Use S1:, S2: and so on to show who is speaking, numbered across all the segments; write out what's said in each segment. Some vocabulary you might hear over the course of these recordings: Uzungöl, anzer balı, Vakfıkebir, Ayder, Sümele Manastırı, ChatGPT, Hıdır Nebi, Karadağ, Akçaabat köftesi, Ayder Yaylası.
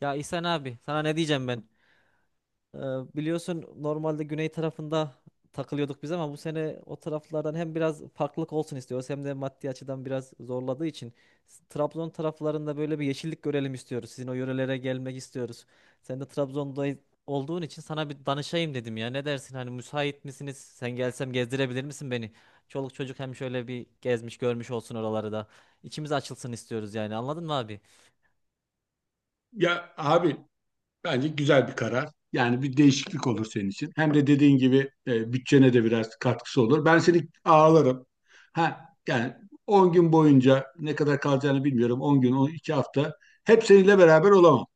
S1: Ya İhsan abi sana ne diyeceğim ben? Ee, Biliyorsun normalde güney tarafında takılıyorduk biz ama bu sene o taraflardan hem biraz farklılık olsun istiyoruz hem de maddi açıdan biraz zorladığı için Trabzon taraflarında böyle bir yeşillik görelim istiyoruz. Sizin o yörelere gelmek istiyoruz. Sen de Trabzon'da olduğun için sana bir danışayım dedim ya. Ne dersin hani müsait misiniz? Sen gelsem gezdirebilir misin beni? Çoluk çocuk hem şöyle bir gezmiş görmüş olsun oraları da. İçimiz açılsın istiyoruz yani anladın mı abi?
S2: Ya abi. Bence güzel bir karar. Yani bir değişiklik olur senin için. Hem de dediğin gibi bütçene de biraz katkısı olur. Ben seni ağlarım. Ha, yani 10 gün boyunca ne kadar kalacağını bilmiyorum. 10 gün, 12 hafta. Hep seninle beraber olamam.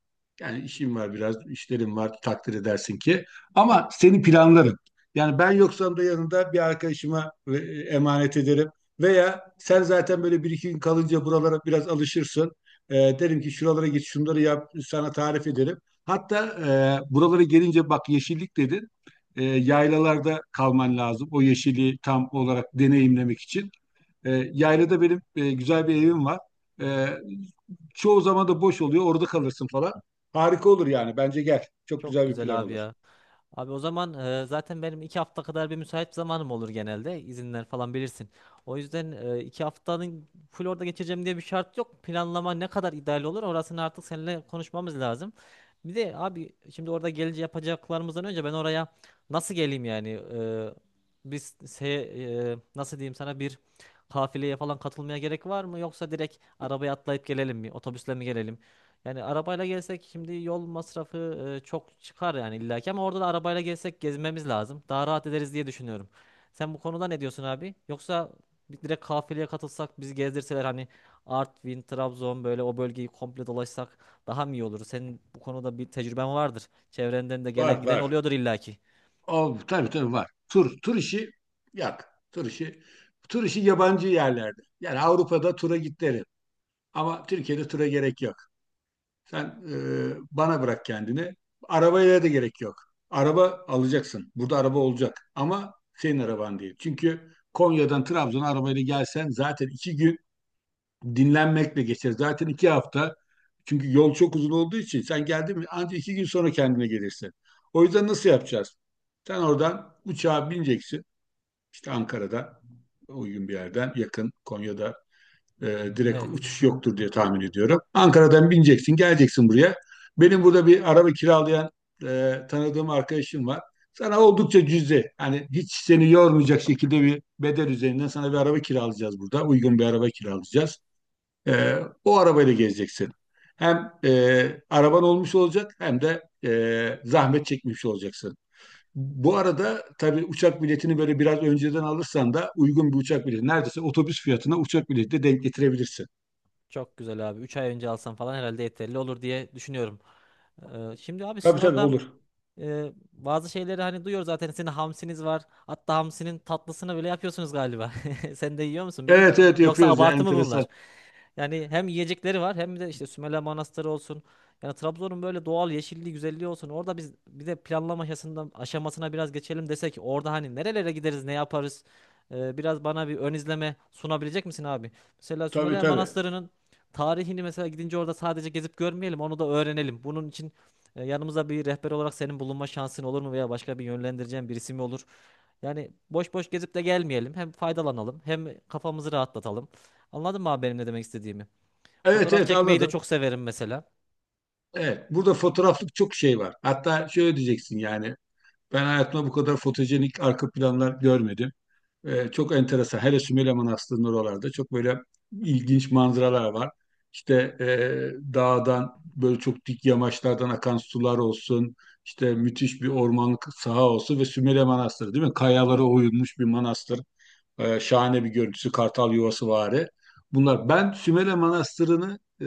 S2: Yani işim var biraz, işlerim var takdir edersin ki. Ama seni planlarım. Yani ben yoksam da yanında bir arkadaşıma emanet ederim. Veya sen zaten böyle bir iki gün kalınca buralara biraz alışırsın. E, Derim ki şuralara git şunları yap sana tarif ederim. Hatta buralara gelince bak yeşillik dedin. Yaylalarda kalman lazım. O yeşili tam olarak deneyimlemek için. Yaylada benim güzel bir evim var. E, Çoğu zaman da boş oluyor. Orada kalırsın falan. Harika olur yani. Bence gel. Çok
S1: Çok
S2: güzel bir plan
S1: güzel abi
S2: olur.
S1: ya. Abi o zaman zaten benim iki hafta kadar bir müsait zamanım olur genelde. İzinler falan bilirsin. O yüzden iki haftanın full orada geçireceğim diye bir şart yok. Planlama ne kadar ideal olur orasını artık seninle konuşmamız lazım. Bir de abi şimdi orada gelici yapacaklarımızdan önce ben oraya nasıl geleyim yani? Nasıl diyeyim sana bir kafileye falan katılmaya gerek var mı? Yoksa direkt arabaya atlayıp gelelim mi? Otobüsle mi gelelim? Yani arabayla gelsek şimdi yol masrafı çok çıkar yani illaki ama orada da arabayla gelsek gezmemiz lazım. Daha rahat ederiz diye düşünüyorum. Sen bu konuda ne diyorsun abi? Yoksa direkt kafileye katılsak bizi gezdirseler hani Artvin, Trabzon böyle o bölgeyi komple dolaşsak daha mı iyi olur? Senin bu konuda bir tecrüben vardır. Çevrenden de gelen
S2: Var
S1: giden
S2: var.
S1: oluyordur illaki.
S2: Al, tabii tabii var. Tur işi yak. Tur işi. Tur işi yabancı yerlerde. Yani Avrupa'da tura git derim. Ama Türkiye'de tura gerek yok. Sen bana bırak kendini. Arabaya da gerek yok. Araba alacaksın. Burada araba olacak. Ama senin araban değil. Çünkü Konya'dan Trabzon'a arabayla gelsen zaten iki gün dinlenmekle geçer. Zaten iki hafta. Çünkü yol çok uzun olduğu için sen geldin mi ancak iki gün sonra kendine gelirsin. O yüzden nasıl yapacağız? Sen oradan uçağa bineceksin. İşte Ankara'da uygun bir yerden yakın Konya'da e, direkt
S1: Evet.
S2: uçuş yoktur diye tahmin ediyorum. Ankara'dan bineceksin, geleceksin buraya. Benim burada bir araba kiralayan tanıdığım arkadaşım var. Sana oldukça cüzi, hani hiç seni yormayacak şekilde bir bedel üzerinden sana bir araba kiralayacağız burada. Uygun bir araba kiralayacağız. E, O arabayla gezeceksin. Hem araban olmuş olacak hem de zahmet çekmiş olacaksın. Bu arada tabii uçak biletini böyle biraz önceden alırsan da uygun bir uçak bileti neredeyse otobüs fiyatına uçak bileti de denk getirebilirsin.
S1: Çok güzel abi. 3 ay önce alsam falan herhalde yeterli olur diye düşünüyorum. Şimdi abi sizin
S2: Tabii tabii
S1: orada
S2: olur.
S1: Bazı şeyleri hani duyuyoruz zaten sizin hamsiniz var. Hatta hamsinin tatlısını bile yapıyorsunuz galiba. Sen de yiyor musun
S2: Evet
S1: bilmiyorum.
S2: evet
S1: Yoksa
S2: yapıyoruz ya,
S1: abartı mı
S2: enteresan.
S1: bunlar? Yani hem yiyecekleri var hem de işte Sümele Manastırı olsun. Yani Trabzon'un böyle doğal yeşilliği, güzelliği olsun. Orada biz bir de planlama aşamasından aşamasına biraz geçelim desek orada hani nerelere gideriz, ne yaparız? Biraz bana bir ön izleme sunabilecek misin abi? Mesela
S2: Tabii
S1: Sümele
S2: tabii.
S1: Manastırı'nın tarihini mesela gidince orada sadece gezip görmeyelim, onu da öğrenelim. Bunun için yanımıza bir rehber olarak senin bulunma şansın olur mu veya başka bir yönlendireceğin birisi mi olur? Yani boş boş gezip de gelmeyelim. Hem faydalanalım, hem kafamızı rahatlatalım. Anladın mı abi benim ne demek istediğimi?
S2: Evet
S1: Fotoğraf
S2: evet
S1: çekmeyi de
S2: anladım.
S1: çok severim mesela.
S2: Evet, burada fotoğraflık çok şey var. Hatta şöyle diyeceksin: yani ben hayatımda bu kadar fotojenik arka planlar görmedim. Çok enteresan. Hele Sümele Manastırı'nın oralarda çok böyle ilginç manzaralar var. İşte dağdan böyle çok dik yamaçlardan akan sular olsun. İşte müthiş bir ormanlık saha olsun ve Sümele Manastırı değil mi? Kayalara oyulmuş bir manastır. Şahane bir görüntüsü, kartal yuvası vari. Bunlar. Ben Sümele Manastırı'nı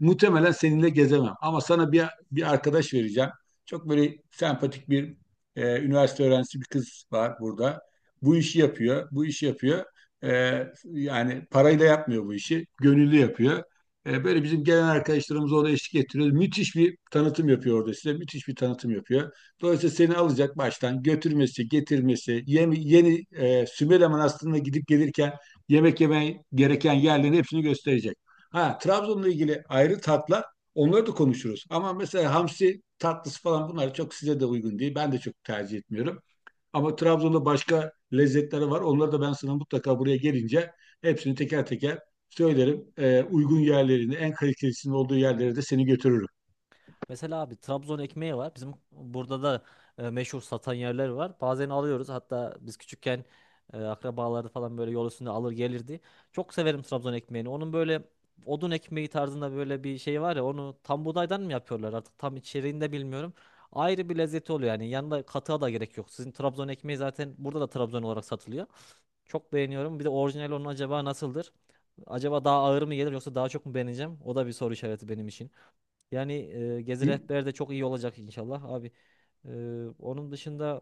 S2: muhtemelen seninle gezemem. Ama sana bir arkadaş vereceğim. Çok böyle sempatik bir üniversite öğrencisi bir kız var burada. Bu işi yapıyor, bu işi yapıyor. E, Yani parayla yapmıyor bu işi, gönüllü yapıyor. Böyle bizim gelen arkadaşlarımız orada eşlik ettiriyor. Müthiş bir tanıtım yapıyor orada size, müthiş bir tanıtım yapıyor. Dolayısıyla seni alacak baştan götürmesi, getirmesi, Sümele Manastırı'na gidip gelirken yemek yemen gereken yerlerin hepsini gösterecek. Ha, Trabzon'la ilgili ayrı tatlar onları da konuşuruz. Ama mesela hamsi tatlısı falan bunlar çok size de uygun değil. Ben de çok tercih etmiyorum. Ama Trabzon'da başka lezzetleri var. Onları da ben sana mutlaka buraya gelince hepsini teker teker söylerim. Uygun yerlerini, en kalitelisinin olduğu yerlere de seni götürürüm.
S1: Mesela abi Trabzon ekmeği var. Bizim burada da meşhur satan yerler var. Bazen alıyoruz. Hatta biz küçükken akrabaları falan böyle yol üstünde alır gelirdi. Çok severim Trabzon ekmeğini. Onun böyle odun ekmeği tarzında böyle bir şey var ya onu tam buğdaydan mı yapıyorlar artık tam içeriğini de bilmiyorum. Ayrı bir lezzeti oluyor yani yanında katığa da gerek yok. Sizin Trabzon ekmeği zaten burada da Trabzon olarak satılıyor. Çok beğeniyorum. Bir de orijinal onun acaba nasıldır? Acaba daha ağır mı gelir yoksa daha çok mu beğeneceğim? O da bir soru işareti benim için. Yani Gezi
S2: Hı?
S1: Rehber de çok iyi olacak inşallah abi. E, Onun dışında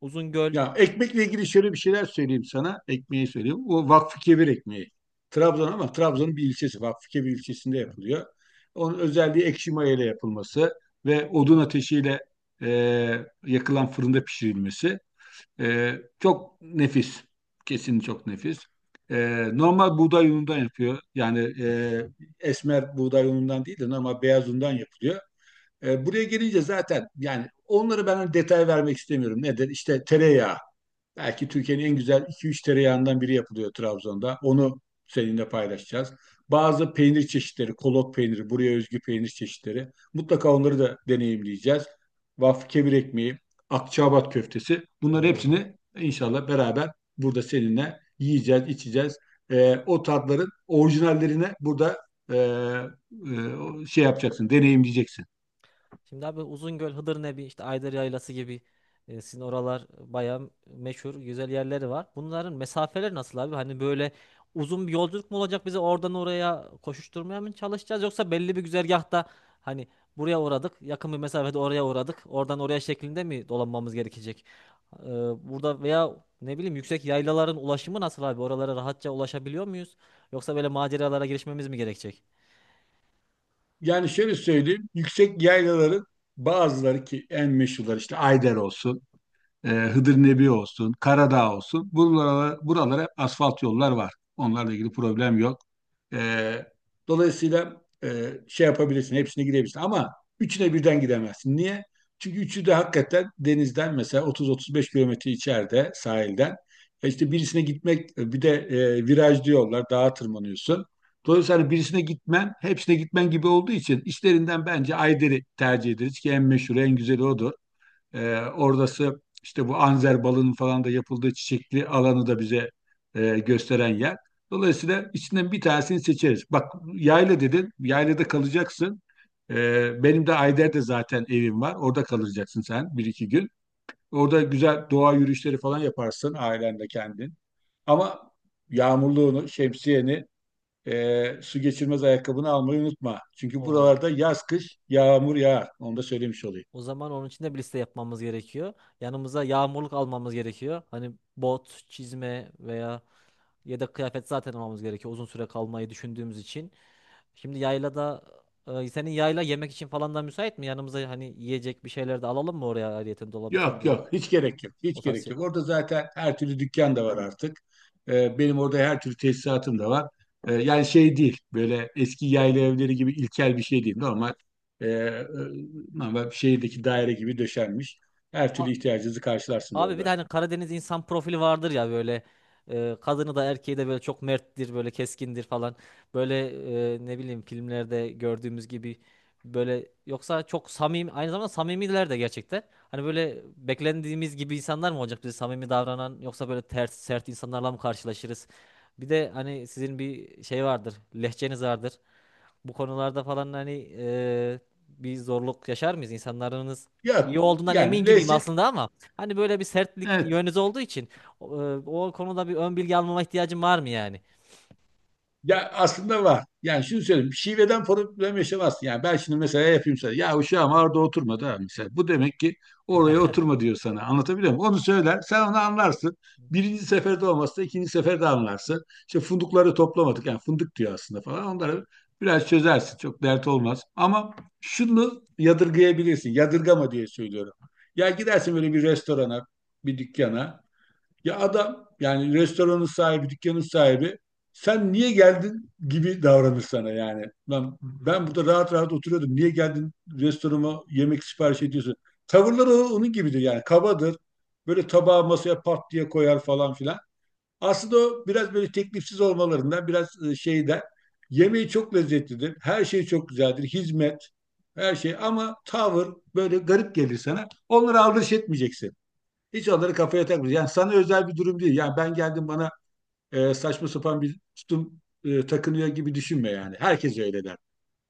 S1: Uzungöl.
S2: Ya, ekmekle ilgili şöyle bir şeyler söyleyeyim sana. Ekmeği söyleyeyim. O Vakfıkebir ekmeği. Trabzon, ama Trabzon'un bir ilçesi. Vakfıkebir ilçesinde yapılıyor. Onun özelliği ekşi maya ile yapılması ve odun ateşiyle e, yakılan fırında pişirilmesi. E, Çok nefis. Kesin çok nefis. E, Normal buğday unundan yapıyor. Yani esmer buğday unundan değil de normal beyaz undan yapılıyor. Buraya gelince zaten yani onları ben hani detay vermek istemiyorum. Nedir? İşte tereyağı. Belki Türkiye'nin en güzel iki üç tereyağından biri yapılıyor Trabzon'da. Onu seninle paylaşacağız. Bazı peynir çeşitleri, kolot peyniri, buraya özgü peynir çeşitleri. Mutlaka onları da deneyimleyeceğiz. Vaf kebir ekmeği, Akçaabat köftesi. Bunların
S1: Oo.
S2: hepsini inşallah beraber burada seninle yiyeceğiz, içeceğiz. O tatların orijinallerine burada şey yapacaksın, deneyimleyeceksin.
S1: Şimdi abi Uzungöl, Hıdır Nebi, işte Ayder Yaylası gibi sizin oralar bayağı meşhur, güzel yerleri var. Bunların mesafeleri nasıl abi? Hani böyle uzun bir yolculuk mu olacak bize oradan oraya koşuşturmaya mı çalışacağız? Yoksa belli bir güzergahta hani buraya uğradık, yakın bir mesafede oraya uğradık, oradan oraya şeklinde mi dolanmamız gerekecek? Ee, Burada veya ne bileyim yüksek yaylaların ulaşımı nasıl abi? Oralara rahatça ulaşabiliyor muyuz? Yoksa böyle maceralara girişmemiz mi gerekecek?
S2: Yani şöyle söyleyeyim, yüksek yaylaların bazıları, ki en meşhurlar işte Ayder olsun, Hıdır Nebi olsun, Karadağ olsun. Buralara hep asfalt yollar var. Onlarla ilgili problem yok. E, Dolayısıyla şey yapabilirsin, hepsine gidebilirsin. Ama üçüne birden gidemezsin. Niye? Çünkü üçü de hakikaten denizden mesela 30-35 kilometre içeride sahilden. İşte birisine gitmek bir de viraj diyorlar, dağa tırmanıyorsun. Dolayısıyla birisine gitmen hepsine gitmen gibi olduğu için işlerinden bence Ayder'i tercih ederiz ki en meşhur, en güzeli odur. Oradası işte bu anzer balının falan da yapıldığı çiçekli alanı da bize gösteren yer. Dolayısıyla içinden bir tanesini seçeriz. Bak yayla dedin, yaylada kalacaksın. Benim de Ayder'de zaten evim var. Orada kalacaksın sen bir iki gün. Orada güzel doğa yürüyüşleri falan yaparsın ailenle kendin. Ama yağmurluğunu, şemsiyeni, su geçirmez ayakkabını almayı unutma. Çünkü buralarda yaz kış yağmur yağar. Onu da söylemiş olayım.
S1: O zaman onun için de bir liste yapmamız gerekiyor. Yanımıza yağmurluk almamız gerekiyor. Hani bot, çizme veya yedek kıyafet zaten almamız gerekiyor uzun süre kalmayı düşündüğümüz için. Şimdi yaylada senin yayla yemek için falan da müsait mi? Yanımıza hani yiyecek bir şeyler de alalım mı oraya ayrıyeten dolap için
S2: Yok
S1: veya
S2: yok, hiç gerek yok.
S1: o
S2: Hiç
S1: tarz
S2: gerek yok. Orada zaten her türlü dükkan da var artık.
S1: şey.
S2: Benim orada her türlü tesisatım da var. Yani şey değil, böyle eski yayla evleri gibi ilkel bir şey değil. E, e, normal şehirdeki daire gibi döşenmiş. Her türlü ihtiyacınızı karşılarsınız
S1: Abi bir de
S2: orada.
S1: hani Karadeniz insan profili vardır ya böyle kadını da erkeği de böyle çok merttir böyle keskindir falan. Böyle ne bileyim filmlerde gördüğümüz gibi böyle yoksa çok samimi aynı zamanda samimiler de gerçekten. Hani böyle beklendiğimiz gibi insanlar mı olacak bize samimi davranan yoksa böyle ters sert insanlarla mı karşılaşırız? Bir de hani sizin bir şey vardır lehçeniz vardır. Bu konularda falan hani e, bir zorluk yaşar mıyız? İnsanlarınız iyi
S2: Yok.
S1: olduğundan emin
S2: Yani
S1: gibiyim
S2: lezzet.
S1: aslında ama hani böyle bir sertlik yönünüz olduğu için o konuda bir ön bilgi almama ihtiyacım var mı yani?
S2: Ya, aslında var. Yani şunu söyleyeyim. Şiveden problem yaşamazsın. Yani ben şimdi mesela yapayım sana. Ya, uşağım orada oturmadı ha, mesela. Bu demek ki oraya oturma diyor sana. Anlatabiliyor muyum? Onu söyler. Sen onu anlarsın. Birinci seferde olmazsa ikinci seferde anlarsın. İşte fındıkları toplamadık. Yani fındık diyor aslında falan. Onları biraz çözersin. Çok dert olmaz. Ama şunu yadırgayabilirsin. Yadırgama diye söylüyorum. Ya, gidersin böyle bir restorana, bir dükkana. Ya adam, yani restoranın sahibi, dükkanın sahibi, sen niye geldin gibi davranır sana yani. Ben burada rahat rahat oturuyordum. Niye geldin restoranıma yemek sipariş ediyorsun? Tavırları onun gibidir yani, kabadır. Böyle tabağı masaya pat diye koyar falan filan. Aslında o biraz böyle teklifsiz olmalarından biraz şeyden, yemeği çok lezzetlidir. Her şey çok güzeldir. Hizmet, her şey, ama tavır böyle garip gelir sana. Onlara aldırış etmeyeceksin. Hiç onları kafaya takmıyor. Yani sana özel bir durum değil. Yani ben geldim bana saçma sapan bir tutum takınıyor gibi düşünme yani. Herkes öyle der.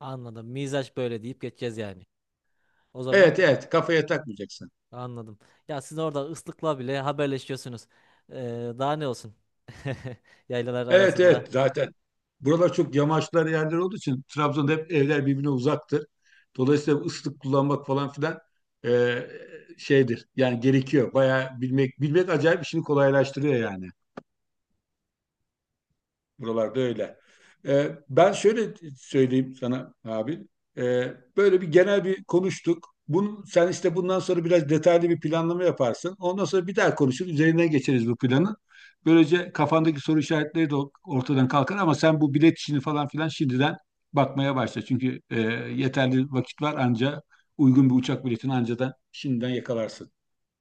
S1: Anladım. Mizaç böyle deyip geçeceğiz yani. O zaman
S2: Evet evet, kafaya takmayacaksın.
S1: anladım. Ya siz orada ıslıkla bile haberleşiyorsunuz. E, Daha ne olsun? Yaylalar
S2: Evet
S1: arasında.
S2: evet, zaten buralar çok yamaçlar yerler olduğu için Trabzon'da hep evler birbirine uzaktır. Dolayısıyla ıslık kullanmak falan filan e, şeydir. Yani gerekiyor. Bayağı bilmek acayip işini kolaylaştırıyor yani. Buralarda öyle. Ben şöyle söyleyeyim sana abi. Böyle bir genel bir konuştuk. Bunu, sen işte bundan sonra biraz detaylı bir planlama yaparsın. Ondan sonra bir daha konuşur. Üzerinden geçeriz bu planı. Böylece kafandaki soru işaretleri de ortadan kalkar, ama sen bu bilet işini falan filan şimdiden bakmaya başla. Çünkü yeterli vakit var, anca uygun bir uçak biletini anca da şimdiden yakalarsın.